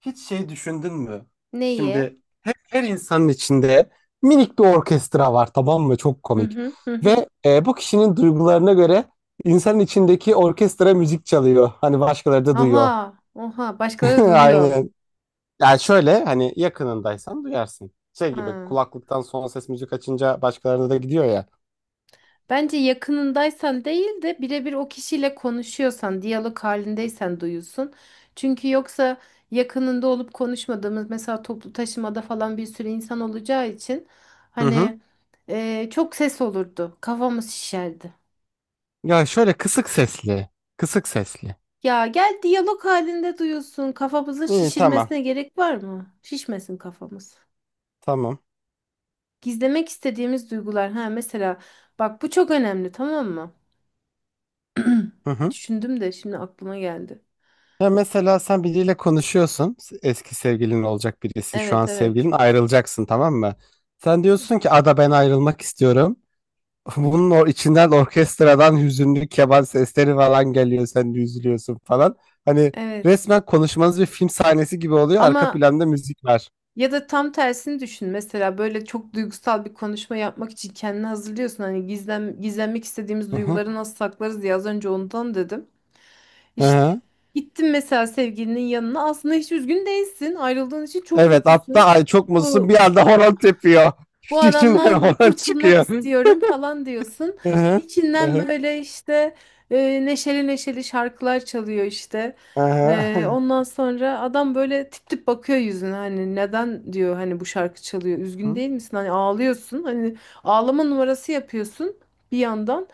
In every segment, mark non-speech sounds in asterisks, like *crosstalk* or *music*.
Hiç şey düşündün mü? Neyi? Şimdi her insanın içinde minik bir orkestra var, tamam mı? Çok Hı komik. hı hı hı. Ve bu kişinin duygularına göre insanın içindeki orkestra müzik çalıyor. Hani başkaları da duyuyor. Aha, oha *laughs* başkaları duyuyor. Aynen. Yani şöyle, hani yakınındaysan duyarsın. Şey gibi, Ha. kulaklıktan son ses müzik açınca başkalarına da gidiyor ya. Bence yakınındaysan değil de birebir o kişiyle konuşuyorsan, diyalog halindeysen duyuyorsun. Çünkü yoksa yakınında olup konuşmadığımız mesela toplu taşımada falan bir sürü insan olacağı için Hı hı. hani çok ses olurdu. Kafamız şişerdi. Ya şöyle kısık sesli. Kısık sesli. Ya gel diyalog halinde duyuyorsun. Kafamızın İyi, tamam. şişirmesine gerek var mı? Şişmesin kafamız. Tamam. Gizlemek istediğimiz duygular. Ha mesela bak bu çok önemli tamam mı? Hı hı. Düşündüm de şimdi aklıma geldi. Ya mesela sen biriyle konuşuyorsun. Eski sevgilin olacak birisi. Şu Evet, an evet. sevgilin, ayrılacaksın, tamam mı? Sen diyorsun ki, Ada ben ayrılmak istiyorum. *laughs* Bunun o içinden, orkestradan hüzünlü keman sesleri falan geliyor. Sen de üzülüyorsun falan. Hani Evet. resmen konuşmanız bir film sahnesi gibi oluyor. Arka Ama planda müzik var. ya da tam tersini düşün. Mesela böyle çok duygusal bir konuşma yapmak için kendini hazırlıyorsun. Hani gizlenmek istediğimiz Hı hı. duyguları nasıl saklarız diye az önce ondan dedim. Hı İşte hı. gittin mesela sevgilinin yanına. Aslında hiç üzgün değilsin. Ayrıldığın için çok Evet, hatta mutlusun. ay çok mutsuzsun, Bu bir anda horon tepiyor. bu *laughs* İçinden adamdan horon kurtulmak çıkıyor. istiyorum falan diyorsun. Hı hı. Hı İçinden hı. böyle işte neşeli neşeli şarkılar çalıyor işte. Hı hı. Ondan sonra adam böyle tip tip bakıyor yüzüne hani neden diyor hani bu şarkı çalıyor üzgün değil misin hani ağlıyorsun hani ağlama numarası yapıyorsun bir yandan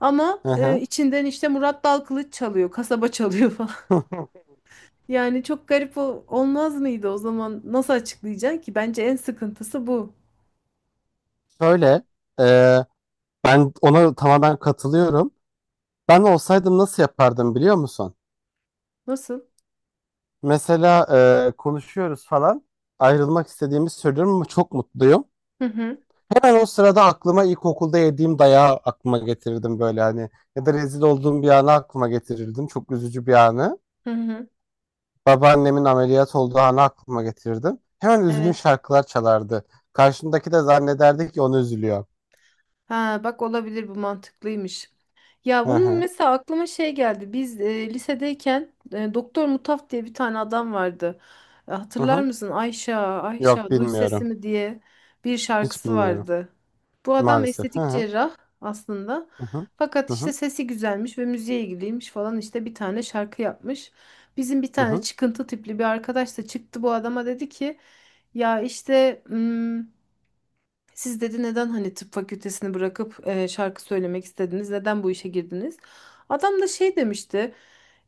ama Hı içinden işte Murat Dalkılıç çalıyor kasaba çalıyor falan. *laughs* hı. *laughs* Yani çok garip olmaz mıydı o zaman nasıl açıklayacaksın ki bence en sıkıntısı bu. Şöyle, e, ben ona tamamen katılıyorum. Ben olsaydım nasıl yapardım, biliyor musun? Nasıl? Mesela konuşuyoruz falan, ayrılmak istediğimi söylüyorum ama çok mutluyum. Hı hı. Hemen o sırada aklıma ilkokulda yediğim dayağı aklıma getirirdim böyle hani. Ya da rezil olduğum bir anı aklıma getirirdim. Çok üzücü bir anı. Hı hı. Babaannemin ameliyat olduğu anı aklıma getirirdim. Hemen üzgün Evet. şarkılar çalardı. Karşımdaki de zannederdi ki onu üzülüyor. Ha bak olabilir bu mantıklıymış. Ya Hı bunun hı. mesela aklıma şey geldi. Biz lisedeyken Doktor Mutaf diye bir tane adam vardı. Hı Hatırlar hı. mısın? Ayşe Yok, duy bilmiyorum. sesimi diye bir Hiç şarkısı bilmiyorum. vardı. Bu adam Maalesef. Hı estetik hı. cerrah aslında. Hı hı. Fakat Hı işte hı. sesi güzelmiş ve müziğe ilgiliymiş falan işte bir tane şarkı yapmış. Bizim bir Hı tane hı. çıkıntı tipli bir arkadaş da çıktı bu adama dedi ki ya işte Siz dedi neden hani tıp fakültesini bırakıp şarkı söylemek istediniz? Neden bu işe girdiniz? Adam da şey demişti.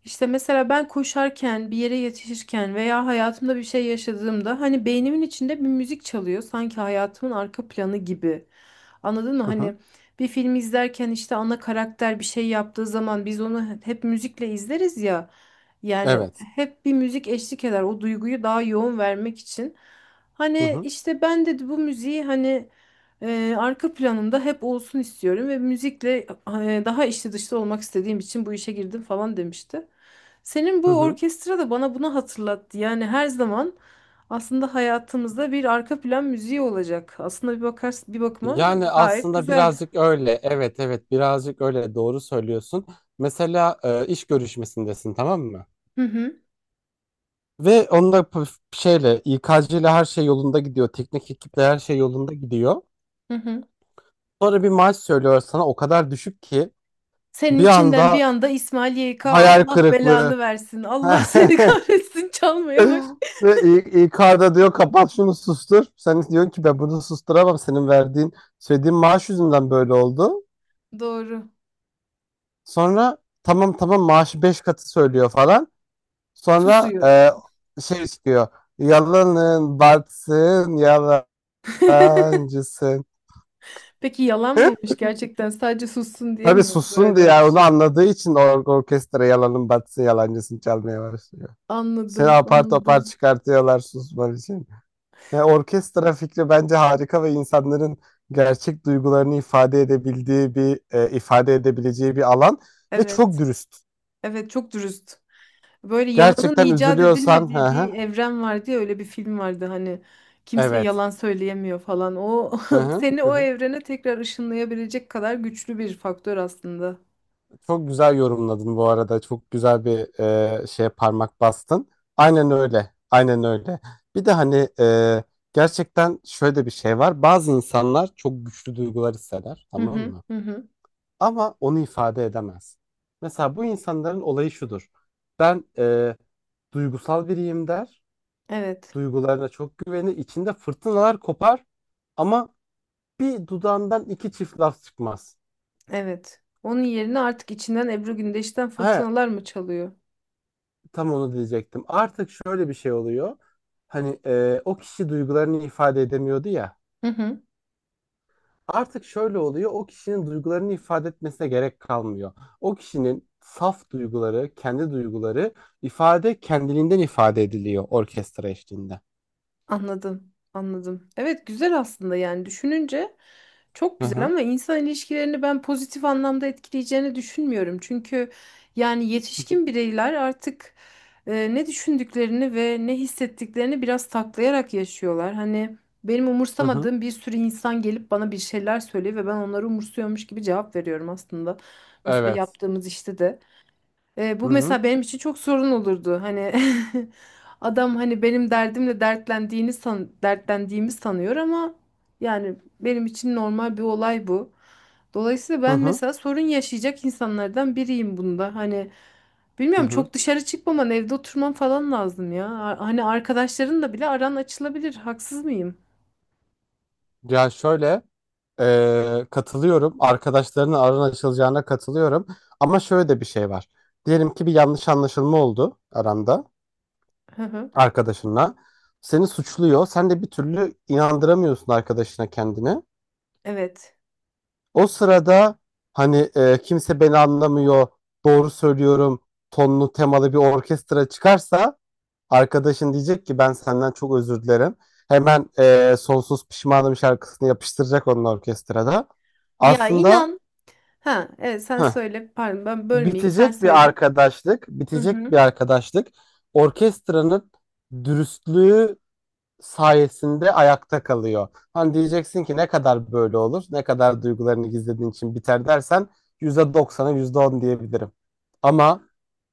İşte mesela ben koşarken, bir yere yetişirken veya hayatımda bir şey yaşadığımda hani beynimin içinde bir müzik çalıyor. Sanki hayatımın arka planı gibi. Anladın mı? Hı hı. Hani bir film izlerken işte ana karakter bir şey yaptığı zaman biz onu hep müzikle izleriz ya. Yani Evet. hep bir müzik eşlik eder o duyguyu daha yoğun vermek için. Hı Hani hı. işte ben dedi bu müziği hani arka planında hep olsun istiyorum ve müzikle daha içli dışlı olmak istediğim için bu işe girdim falan demişti. Senin Hı bu hı. orkestra da bana bunu hatırlattı. Yani her zaman aslında hayatımızda bir arka plan müziği olacak. Aslında bir bakarsın bir bakıma Yani gayet aslında güzel. birazcık öyle. Evet evet, birazcık öyle, doğru söylüyorsun. Mesela iş görüşmesindesin, tamam mı? Hı hı, Ve onda p- şeyle İK'cı ile her şey yolunda gidiyor. Teknik ekiple her şey yolunda gidiyor. hı hı. Sonra bir maaş söylüyor sana, o kadar düşük ki Senin bir içinden bir anda anda İsmail YK hayal Allah kırıklığı. belanı versin. Allah seni *laughs* *laughs* kahretsin çalmaya baş. *laughs* Ve İK'da diyor, kapat şunu, sustur. Sen diyorsun ki ben bunu susturamam. Senin verdiğin, söylediğin maaş yüzünden böyle oldu. Doğru. Sonra tamam tamam, maaşı 5 katı söylüyor falan. Sonra Susuyor. Şey çıkıyor. Yalanın batsın, *laughs* yalancısın. Peki yalan mıymış *laughs* gerçekten sadece sussun diye Tabii mi böyle sussun diye, yani demiş? onu anladığı için orkestra yalanın batsın yalancısın çalmaya başlıyor. Seni Anladım, apar topar anladım. çıkartıyorlar, susman için. Ya orkestra fikri bence harika ve insanların gerçek duygularını ifade edebileceği bir alan ve çok Evet, dürüst. evet çok dürüst. Böyle yalanın Gerçekten icat üzülüyorsan, hı edilmediği hı, bir evren vardı ya, öyle bir film vardı hani kimse evet. yalan söyleyemiyor falan. O Hı *laughs* hı, seni hı o hı. evrene tekrar ışınlayabilecek kadar güçlü bir faktör aslında. Çok güzel yorumladın bu arada. Çok güzel bir şeye parmak bastın. Aynen öyle. Aynen öyle. Bir de hani gerçekten şöyle bir şey var. Bazı insanlar çok güçlü duygular hisseder, Hı tamam hı, mı? hı hı. Ama onu ifade edemez. Mesela bu insanların olayı şudur. Ben duygusal biriyim der. Evet, Duygularına çok güvenir. İçinde fırtınalar kopar. Ama bir dudağından iki çift laf çıkmaz. evet. Onun yerine artık içinden Ebru Gündeş'ten He, fırtınalar mı çalıyor? tam onu diyecektim. Artık şöyle bir şey oluyor. Hani o kişi duygularını ifade edemiyordu ya. Hı hı. Artık şöyle oluyor, o kişinin duygularını ifade etmesine gerek kalmıyor. O kişinin saf duyguları, kendi duyguları kendiliğinden ifade ediliyor orkestra eşliğinde. Anladım, anladım. Evet güzel aslında yani düşününce çok Hı güzel hı. ama insan ilişkilerini ben pozitif anlamda etkileyeceğini düşünmüyorum. Çünkü yani yetişkin bireyler artık ne düşündüklerini ve ne hissettiklerini biraz taklayarak yaşıyorlar. Hani benim Hı hı. umursamadığım bir sürü insan gelip bana bir şeyler söylüyor ve ben onları umursuyormuş gibi cevap veriyorum aslında. Mesela Evet. yaptığımız işte de. Hı Bu hı. mesela benim için çok sorun olurdu. Hani *laughs* adam hani benim derdimle dertlendiğini san dertlendiğimi sanıyor ama yani benim için normal bir olay bu. Dolayısıyla Hı ben hı. mesela sorun yaşayacak insanlardan biriyim bunda. Hani Hı bilmiyorum hı. çok dışarı çıkmaman, evde oturman falan lazım ya. Hani arkadaşların da bile aran açılabilir. Haksız mıyım? Ya şöyle katılıyorum. Arkadaşlarının aran açılacağına katılıyorum. Ama şöyle de bir şey var. Diyelim ki bir yanlış anlaşılma oldu aranda, Hı hı. arkadaşınla. Seni suçluyor. Sen de bir türlü inandıramıyorsun arkadaşına kendini. Evet. O sırada hani kimse beni anlamıyor, doğru söylüyorum tonlu temalı bir orkestra çıkarsa, arkadaşın diyecek ki ben senden çok özür dilerim. Hemen Sonsuz Pişmanım şarkısını yapıştıracak onun orkestrada. Ya Aslında inan. Ha, evet sen heh, söyle. Pardon ben bölmeyeyim. Sen bitecek bir söyle. arkadaşlık, Hı bitecek hı. bir arkadaşlık orkestranın dürüstlüğü sayesinde ayakta kalıyor. Hani diyeceksin ki ne kadar böyle olur, ne kadar duygularını gizlediğin için biter dersen, %90'a %10 diyebilirim. Ama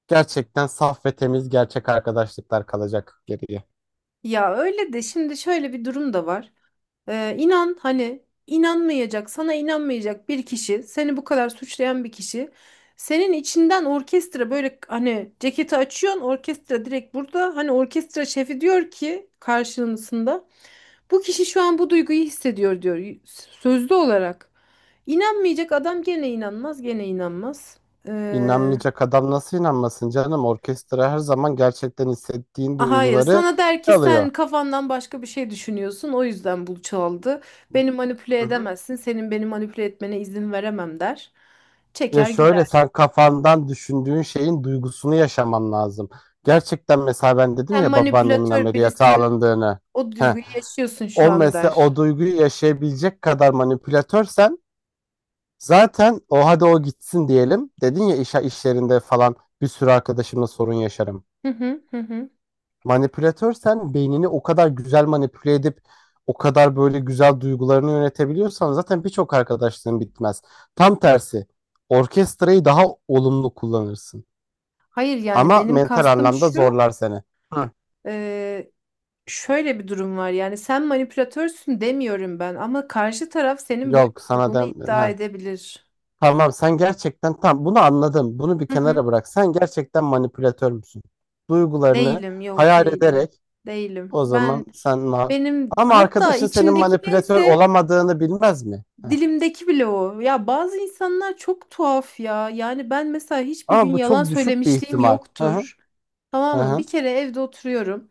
gerçekten saf ve temiz gerçek arkadaşlıklar kalacak geriye. Ya öyle de şimdi şöyle bir durum da var. İnan hani sana inanmayacak bir kişi, seni bu kadar suçlayan bir kişi, senin içinden orkestra böyle hani ceketi açıyorsun, orkestra direkt burada. Hani orkestra şefi diyor ki karşılığında bu kişi şu an bu duyguyu hissediyor diyor sözlü olarak. İnanmayacak adam gene inanmaz, gene inanmaz. İnanmayacak adam nasıl inanmasın canım? Orkestra her zaman gerçekten hissettiğin Ah, hayır, duyguları sana der ki sen çalıyor. kafandan başka bir şey düşünüyorsun, o yüzden bu çaldı. Beni manipüle Hı hı. edemezsin, senin beni manipüle etmene izin veremem der. Ya Çeker şöyle, gider. sen kafandan düşündüğün şeyin duygusunu yaşaman lazım. Gerçekten mesela ben dedim Sen ya babaannemin manipülatör ameliyata birisin, alındığını. o Heh. duyguyu yaşıyorsun şu O an mesela, der. o duyguyu yaşayabilecek kadar manipülatörsen zaten o, hadi o gitsin diyelim. Dedin ya, işlerinde falan bir sürü arkadaşımla sorun yaşarım. Hı hı hı hı. Manipülatörsen beynini o kadar güzel manipüle edip o kadar böyle güzel duygularını yönetebiliyorsan zaten birçok arkadaşlığın bitmez. Tam tersi orkestrayı daha olumlu kullanırsın. Hayır yani Ama benim mental kastım anlamda şu, zorlar seni. Hı. e, şöyle bir durum var yani sen manipülatörsün demiyorum ben ama karşı taraf senin böyle Yok sana olduğunu dem iddia Heh. edebilir. Tamam, sen gerçekten, tam bunu anladım. Bunu bir kenara bırak. Sen gerçekten manipülatör müsün? Duygularını Değilim, yok hayal değilim. ederek, Değilim. o zaman sen Benim ama hatta arkadaşın senin içimdeki manipülatör neyse olamadığını bilmez mi? Heh. dilimdeki bile o. Ya bazı insanlar çok tuhaf ya. Yani ben mesela hiçbir gün Ama bu yalan çok düşük bir söylemişliğim ihtimal. Hı hı. yoktur. Hı Tamam mı? hı. Bir kere evde oturuyorum.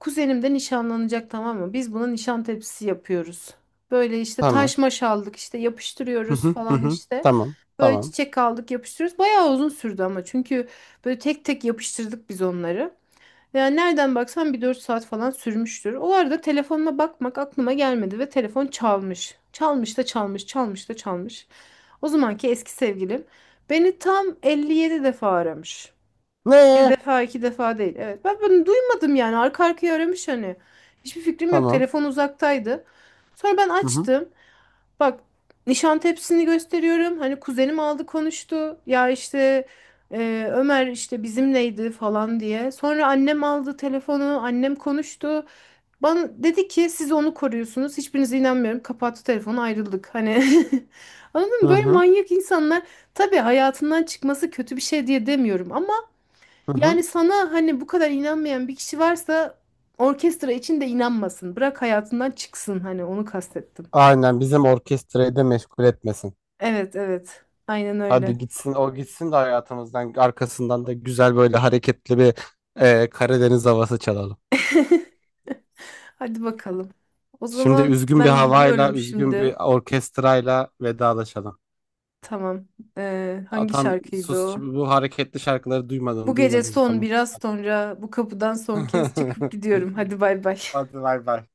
Kuzenim de nişanlanacak tamam mı? Biz buna nişan tepsisi yapıyoruz. Böyle işte Tamam. taş maş aldık işte Hı yapıştırıyoruz hı. Hı falan hı. işte. Tamam. Böyle Tamam. çiçek aldık yapıştırıyoruz. Bayağı uzun sürdü ama çünkü böyle tek tek yapıştırdık biz onları. Yani nereden baksan bir 4 saat falan sürmüştür. O arada telefonuma bakmak aklıma gelmedi ve telefon çalmış. Çalmış da çalmış, çalmış da çalmış. O zamanki eski sevgilim beni tam 57 defa aramış. Bir Ne? defa, iki defa değil. Evet. Ben bunu duymadım yani. Arka arkaya aramış hani. Hiçbir fikrim yok. Tamam. Telefon uzaktaydı. Sonra ben Hı hı. açtım. Bak Nişantepsi'ni gösteriyorum. Hani kuzenim aldı konuştu. Ya işte Ömer işte bizimleydi falan diye. Sonra annem aldı telefonu. Annem konuştu. Bana dedi ki siz onu koruyorsunuz. Hiçbirinize inanmıyorum. Kapattı telefonu ayrıldık. Hani *laughs* anladın Hı mı? Böyle hı. manyak insanlar tabii hayatından çıkması kötü bir şey diye demiyorum. Ama Hı hı. yani sana hani bu kadar inanmayan bir kişi varsa orkestra için de inanmasın. Bırak hayatından çıksın. Hani onu kastettim. Aynen, bizim orkestrayı da meşgul etmesin. Evet evet. Aynen öyle. Hadi gitsin, o gitsin de hayatımızdan, arkasından da güzel böyle hareketli bir Karadeniz havası çalalım. *laughs* Hadi bakalım. O Şimdi zaman üzgün bir ben havayla, gidiyorum üzgün şimdi. bir orkestrayla vedalaşalım. Tamam. Aa, Hangi tam şarkıydı sus o? şimdi, bu hareketli şarkıları Bu duymadın, gece duymadın, son tamam. biraz sonra bu kapıdan son kez çıkıp *laughs* gidiyorum. Hadi bay bay. *laughs* Hadi bay bay.